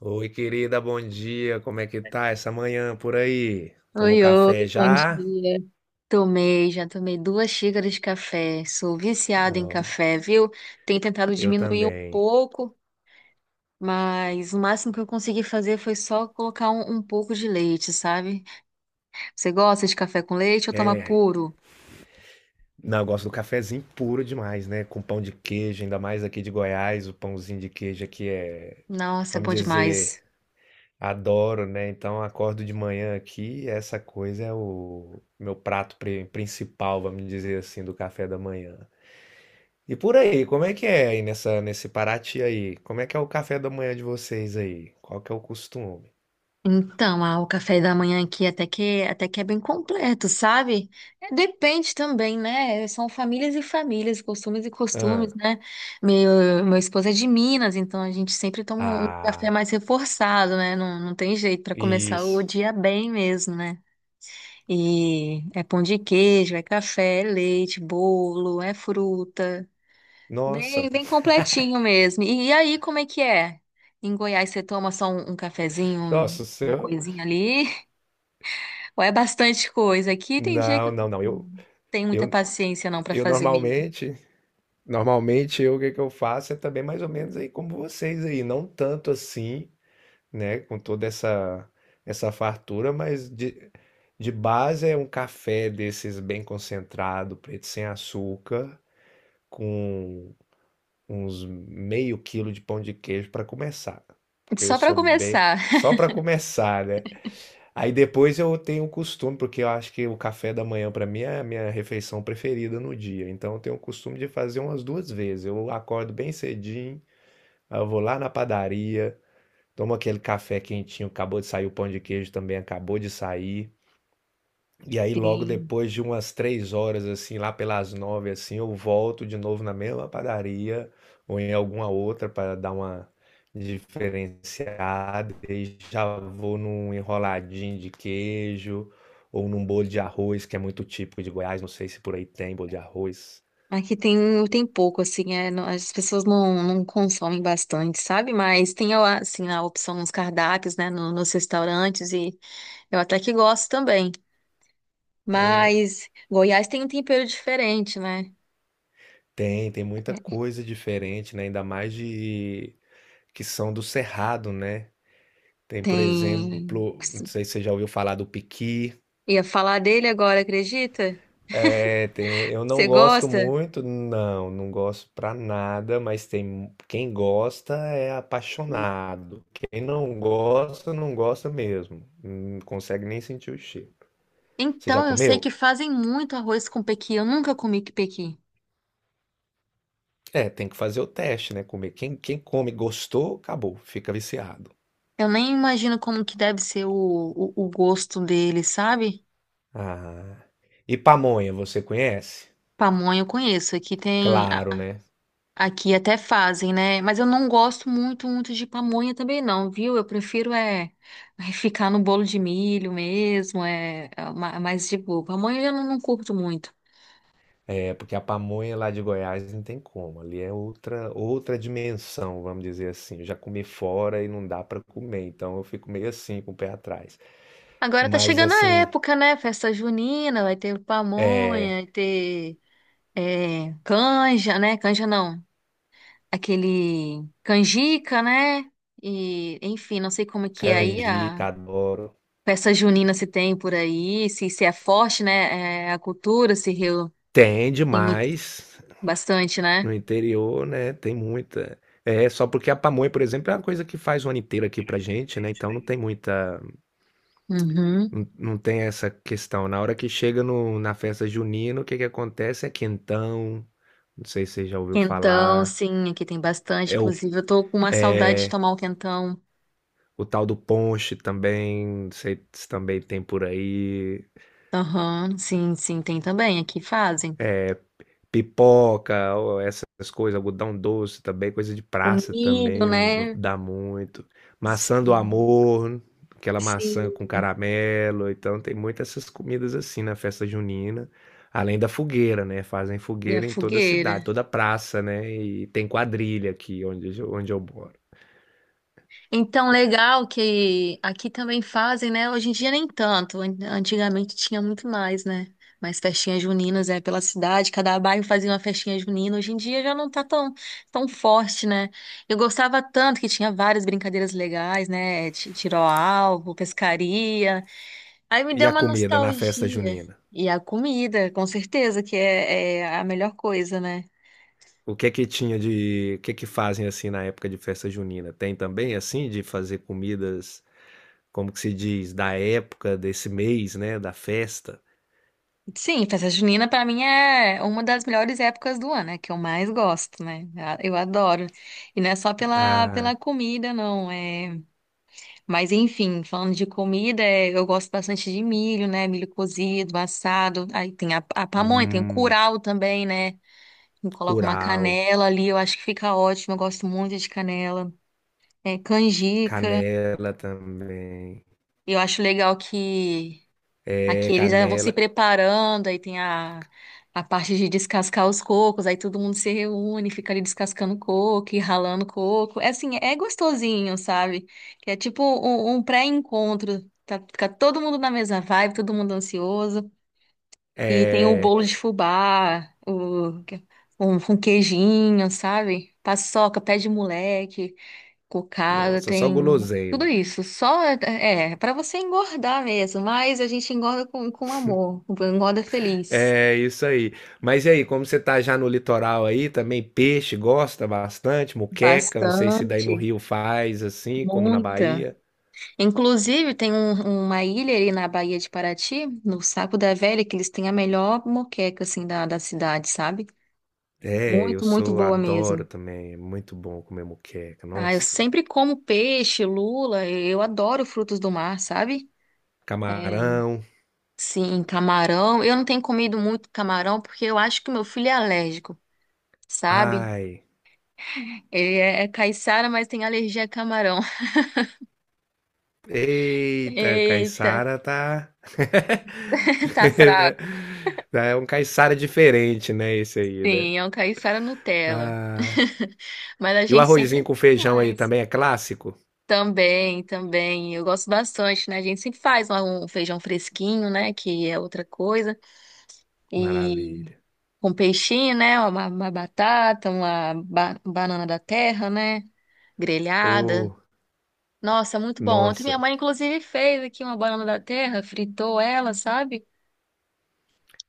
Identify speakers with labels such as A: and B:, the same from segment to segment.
A: Oi, querida, bom dia. Como é que tá essa manhã por aí? Tomou
B: Oi, oi,
A: café
B: bom
A: já?
B: dia. Já tomei duas xícaras de café. Sou viciada em
A: Ó,
B: café, viu? Tenho tentado
A: eu
B: diminuir um
A: também.
B: pouco, mas o máximo que eu consegui fazer foi só colocar um pouco de leite, sabe? Você gosta de café com leite ou toma
A: É.
B: puro?
A: Não, eu gosto do cafezinho puro demais, né? Com pão de queijo, ainda mais aqui de Goiás, o pãozinho de queijo aqui é,
B: Nossa, é
A: vamos
B: bom
A: dizer,
B: demais.
A: adoro, né? Então, eu acordo de manhã aqui, e essa coisa é o meu prato principal, vamos dizer assim, do café da manhã. E por aí, como é que é nesse Paraty aí? Como é que é o café da manhã de vocês aí? Qual que é o costume?
B: Então, o café da manhã aqui até que é bem completo, sabe? É, depende também, né? São famílias e famílias, costumes e
A: Hã.
B: costumes, né? Meu esposo é de Minas, então a gente sempre toma um café
A: Ah,
B: mais reforçado, né? Não tem jeito para começar o
A: isso.
B: dia bem mesmo, né? E é pão de queijo, é café, é leite, bolo, é fruta,
A: Nossa,
B: bem bem completinho mesmo. E aí, como é que é? Em Goiás, você toma só um cafezinho?
A: nossa, o
B: Uma
A: seu
B: coisinha ali ou é bastante coisa. Aqui tem dia que
A: não,
B: eu
A: não, não, eu
B: não tenho muita
A: eu
B: paciência não para
A: eu
B: fazer mesmo.
A: normalmente eu o que que eu faço é também mais ou menos aí como vocês aí, não tanto assim, né, com toda essa fartura, mas de base é um café desses bem concentrado, preto sem açúcar, com uns meio quilo de pão de queijo para começar, porque eu
B: Só para
A: sou bem
B: começar.
A: só para começar, né? Aí depois eu tenho o costume, porque eu acho que o café da manhã para mim é a minha refeição preferida no dia. Então eu tenho o costume de fazer umas duas vezes. Eu acordo bem cedinho, aí eu vou lá na padaria, tomo aquele café quentinho, acabou de sair o pão de queijo também, acabou de sair. E aí, logo
B: Sim.
A: depois de umas três horas, assim, lá pelas nove, assim, eu volto de novo na mesma padaria ou em alguma outra para dar uma diferenciada. E já vou num enroladinho de queijo ou num bolo de arroz, que é muito típico de Goiás. Não sei se por aí tem bolo de arroz.
B: Aqui tem, tem pouco, assim, é, as pessoas não consomem bastante, sabe? Mas tem, assim, a opção nos cardápios, né, nos restaurantes, e eu até que gosto também. Mas Goiás tem um tempero diferente, né?
A: Tem, tem muita
B: É,
A: coisa diferente, né? Ainda mais de que são do Cerrado, né? Tem, por
B: tem.
A: exemplo, não sei se você já ouviu falar do piqui.
B: Ia falar dele agora, acredita?
A: É, tem, um, eu não
B: Você
A: gosto
B: gosta?
A: muito, não, não gosto pra nada, mas tem quem gosta é apaixonado. Quem não gosta, não gosta mesmo. Não consegue nem sentir o cheiro. Você já
B: Então, eu sei
A: comeu?
B: que fazem muito arroz com pequi. Eu nunca comi que pequi.
A: É, tem que fazer o teste, né? Comer. Quem, quem come, gostou, acabou, fica viciado.
B: Eu nem imagino como que deve ser o gosto dele, sabe?
A: Ah. E pamonha, você conhece?
B: Pamonha eu conheço. Aqui tem.
A: Claro, né?
B: Aqui até fazem, né? Mas eu não gosto muito, muito de pamonha também, não, viu? Eu prefiro é ficar no bolo de milho mesmo. É mais de boa. Pamonha eu já não curto muito.
A: É porque a pamonha lá de Goiás não tem como, ali é outra dimensão, vamos dizer assim. Eu já comi fora e não dá para comer, então eu fico meio assim com o pé atrás.
B: Agora tá
A: Mas
B: chegando a
A: assim,
B: época, né? Festa junina, vai ter pamonha,
A: é
B: vai ter é, canja, né? Canja não. Aquele canjica, né? E, enfim, não sei como é que é aí
A: canjica,
B: a
A: adoro.
B: festa junina se tem por aí, se é forte, né? É, a cultura se Rio
A: Tem
B: tem
A: demais
B: bastante, né?
A: no interior, né? Tem muita. É, só porque a pamonha, por exemplo, é uma coisa que faz o ano inteiro aqui pra gente, né? Então não tem muita.
B: Uhum.
A: Não, não tem essa questão. Na hora que chega no, na festa junina, o que que acontece é quentão, não sei se você já ouviu
B: Quentão,
A: falar.
B: sim, aqui tem bastante.
A: É
B: Inclusive, eu tô com uma saudade de tomar um quentão.
A: o tal do ponche também, não sei se também tem por aí.
B: Aham, sim, sim, tem também, aqui fazem.
A: Pipoca, ó, essas coisas, algodão doce também, coisa de
B: O
A: praça
B: milho,
A: também
B: né?
A: dá muito. Maçã do
B: Sim,
A: amor, aquela maçã com
B: sim.
A: caramelo. Então tem muitas essas comidas assim na festa junina. Além da fogueira, né? Fazem
B: E a
A: fogueira em toda a
B: fogueira.
A: cidade, toda praça, né? E tem quadrilha aqui onde, onde eu moro.
B: Então, legal que aqui também fazem, né? Hoje em dia nem tanto. Antigamente tinha muito mais, né? Mais festinhas juninas, é, pela cidade. Cada bairro fazia uma festinha junina. Hoje em dia já não tá tão forte, né? Eu gostava tanto que tinha várias brincadeiras legais, né? Tiro ao alvo, pescaria. Aí me
A: E
B: deu
A: a
B: uma
A: comida na festa
B: nostalgia.
A: junina?
B: E a comida, com certeza, que é a melhor coisa, né?
A: O que é que tinha de o que é que fazem assim na época de festa junina? Tem também assim de fazer comidas, como que se diz, da época desse mês, né, da festa?
B: Sim, festa junina pra mim é uma das melhores épocas do ano, é que eu mais gosto, né? Eu adoro. E não é só pela
A: Ah,
B: comida, não. É. Mas enfim, falando de comida, é, eu gosto bastante de milho, né? Milho cozido, assado. Aí tem a pamonha, tem o
A: hum,
B: curau também, né? Eu coloco uma
A: curau,
B: canela ali, eu acho que fica ótimo. Eu gosto muito de canela. É, canjica.
A: canela também.
B: Eu acho legal que aqui
A: É,
B: eles já vão se
A: canela.
B: preparando, aí tem a parte de descascar os cocos, aí todo mundo se reúne, fica ali descascando coco e ralando coco. É assim, é gostosinho, sabe? Que é tipo um pré-encontro. Tá, fica todo mundo na mesma vibe, todo mundo ansioso. E tem o
A: É,
B: bolo de fubá, um queijinho, sabe? Paçoca, pé de moleque, cocada,
A: nossa, só
B: tem tudo
A: guloseima.
B: isso. Só é para você engordar mesmo, mas a gente engorda com amor, engorda feliz.
A: É isso aí. Mas e aí, como você tá já no litoral aí, também peixe gosta bastante, muqueca, não sei se daí
B: Bastante,
A: no Rio faz assim, como na
B: muita.
A: Bahia.
B: Inclusive, tem uma ilha ali na Baía de Paraty, no Saco da Velha, que eles têm a melhor moqueca, assim, da cidade, sabe?
A: É, eu
B: Muito, muito
A: sou
B: boa
A: adoro
B: mesmo.
A: também, é muito bom comer moqueca,
B: Ah, eu
A: nossa.
B: sempre como peixe, lula, eu adoro frutos do mar, sabe? É,
A: Camarão,
B: sim, camarão. Eu não tenho comido muito camarão porque eu acho que meu filho é alérgico, sabe?
A: ai,
B: Ele é caiçara, mas tem alergia a camarão.
A: eita,
B: Eita,
A: caiçara tá
B: tá fraco.
A: é um caiçara diferente, né, esse aí, né.
B: Sim, é um caiçara Nutella.
A: Ah,
B: Mas a
A: e o
B: gente
A: arrozinho
B: sempre
A: com feijão aí
B: faz.
A: também é clássico?
B: Também, também. Eu gosto bastante, né? A gente sempre faz lá um feijão fresquinho, né? Que é outra coisa. E
A: Maravilha.
B: com peixinho, né? Uma batata, uma banana da terra, né? Grelhada.
A: Ô,
B: Nossa, muito bom. Ontem minha
A: nossa,
B: mãe, inclusive, fez aqui uma banana da terra, fritou ela, sabe?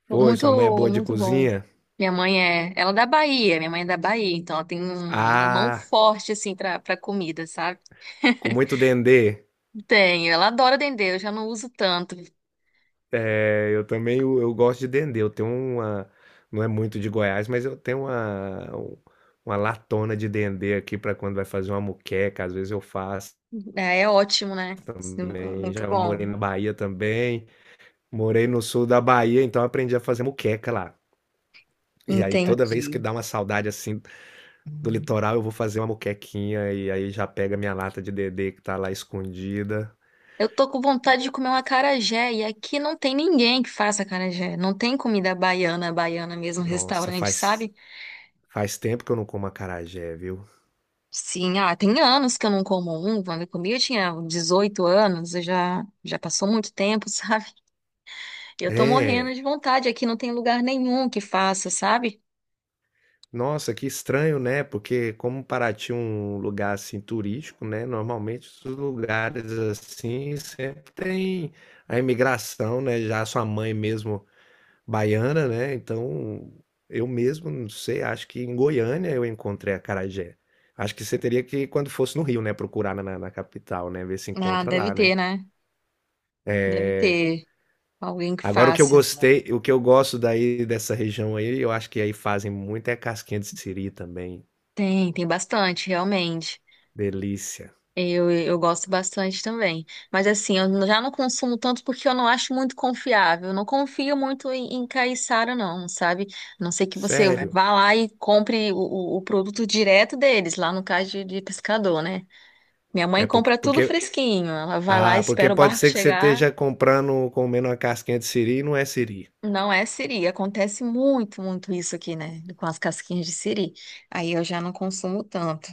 A: pois, sua mãe é
B: Muito,
A: boa de
B: muito bom.
A: cozinha?
B: Minha mãe é, ela é da Bahia, minha mãe é da Bahia, então ela tem uma mão
A: Ah,
B: forte, assim, pra comida, sabe?
A: com muito dendê.
B: Tenho, ela adora dendê, eu já não uso tanto.
A: É, eu também eu gosto de dendê. Eu tenho uma. Não é muito de Goiás, mas eu tenho um, uma latona de dendê aqui para quando vai fazer uma muqueca. Às vezes eu faço
B: É, é ótimo, né? Sim,
A: também.
B: muito
A: Já morei na
B: bom.
A: Bahia também. Morei no sul da Bahia, então eu aprendi a fazer muqueca lá. E aí toda
B: Entendi.
A: vez que dá uma saudade assim do litoral, eu vou fazer uma muquequinha e aí já pega minha lata de dendê que tá lá escondida.
B: Eu tô com vontade de comer um acarajé e aqui não tem ninguém que faça acarajé. Não tem comida baiana, baiana mesmo,
A: Nossa,
B: restaurante, sabe?
A: faz tempo que eu não como acarajé, viu?
B: Sim, tem anos que eu não como um. Quando eu comi, eu tinha 18 anos, eu já passou muito tempo, sabe? Eu tô morrendo
A: É.
B: de vontade. Aqui não tem lugar nenhum que faça, sabe?
A: Nossa, que estranho, né? Porque como Paraty é um lugar assim turístico, né? Normalmente os lugares assim sempre tem a imigração, né? Já sua mãe mesmo baiana, né? Então eu mesmo, não sei, acho que em Goiânia eu encontrei a acarajé. Acho que você teria que, quando fosse no Rio, né? Procurar na capital, né? Ver se
B: Ah,
A: encontra
B: deve
A: lá, né?
B: ter, né? Deve ter alguém que
A: Agora o que eu
B: faça.
A: gostei, o que eu gosto daí dessa região aí, eu acho que aí fazem muito é casquinha de siri também.
B: Tem bastante, realmente.
A: Delícia.
B: Eu gosto bastante também. Mas assim, eu já não consumo tanto porque eu não acho muito confiável. Eu não confio muito em caiçara, não, sabe? A não ser que você
A: Sério.
B: vá lá e compre o produto direto deles, lá no caso de pescador, né? Minha mãe
A: É,
B: compra tudo
A: porque.
B: fresquinho. Ela vai lá,
A: Ah, porque
B: espera o
A: pode
B: barco
A: ser que você
B: chegar.
A: esteja comprando, comendo uma casquinha de siri e não é siri.
B: Não é siri. Acontece muito, muito isso aqui, né? Com as casquinhas de siri. Aí eu já não consumo tanto.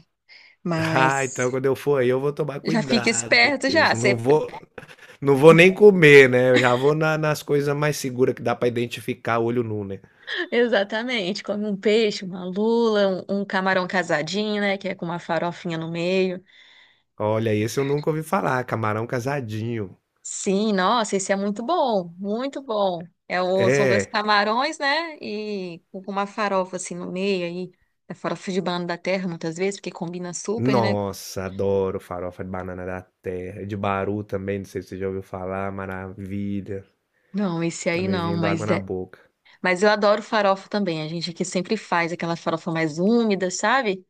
A: Ah,
B: Mas
A: então quando eu for aí, eu vou tomar
B: já fica
A: cuidado
B: esperto
A: com
B: já.
A: isso. Não vou, não vou nem comer, né? Eu já vou nas coisas mais seguras que dá pra identificar olho nu, né?
B: Exatamente, come um peixe, uma lula, um camarão casadinho, né, que é com uma farofinha no meio.
A: Olha, esse eu nunca ouvi falar, camarão casadinho.
B: Sim, nossa, esse é muito bom, muito bom. São dois
A: É.
B: camarões, né, e com uma farofa assim no meio, aí, é farofa de banana da terra muitas vezes, porque combina super, né?
A: Nossa, adoro farofa de banana da terra. De Baru também, não sei se você já ouviu falar, maravilha.
B: Não, esse
A: Tá
B: aí
A: me
B: não,
A: vindo água
B: mas
A: na
B: é,
A: boca.
B: mas eu adoro farofa também. A gente aqui sempre faz aquela farofa mais úmida, sabe?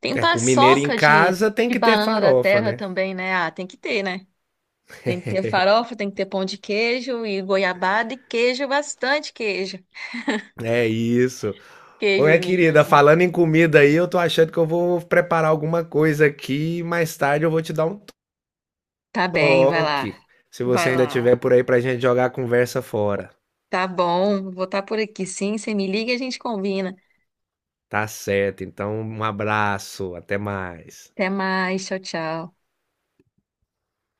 B: Tem
A: É, com mineiro em
B: paçoca de,
A: casa tem
B: de
A: que ter
B: banana da
A: farofa,
B: terra
A: né?
B: também, né? Ah, tem que ter, né? Tem que ter farofa, tem que ter pão de queijo e goiabada e queijo, bastante queijo.
A: É isso. Ô,
B: Queijo,
A: minha querida,
B: Minas.
A: falando em comida aí, eu tô achando que eu vou preparar alguma coisa aqui e mais tarde eu vou te dar um
B: Tá bem, vai lá.
A: toque. Se
B: Vai
A: você ainda
B: lá.
A: tiver por aí pra gente jogar a conversa fora.
B: Tá bom, vou estar por aqui sim. Você me liga e a gente combina.
A: Tá certo. Então, um abraço, até mais.
B: Até mais, tchau, tchau.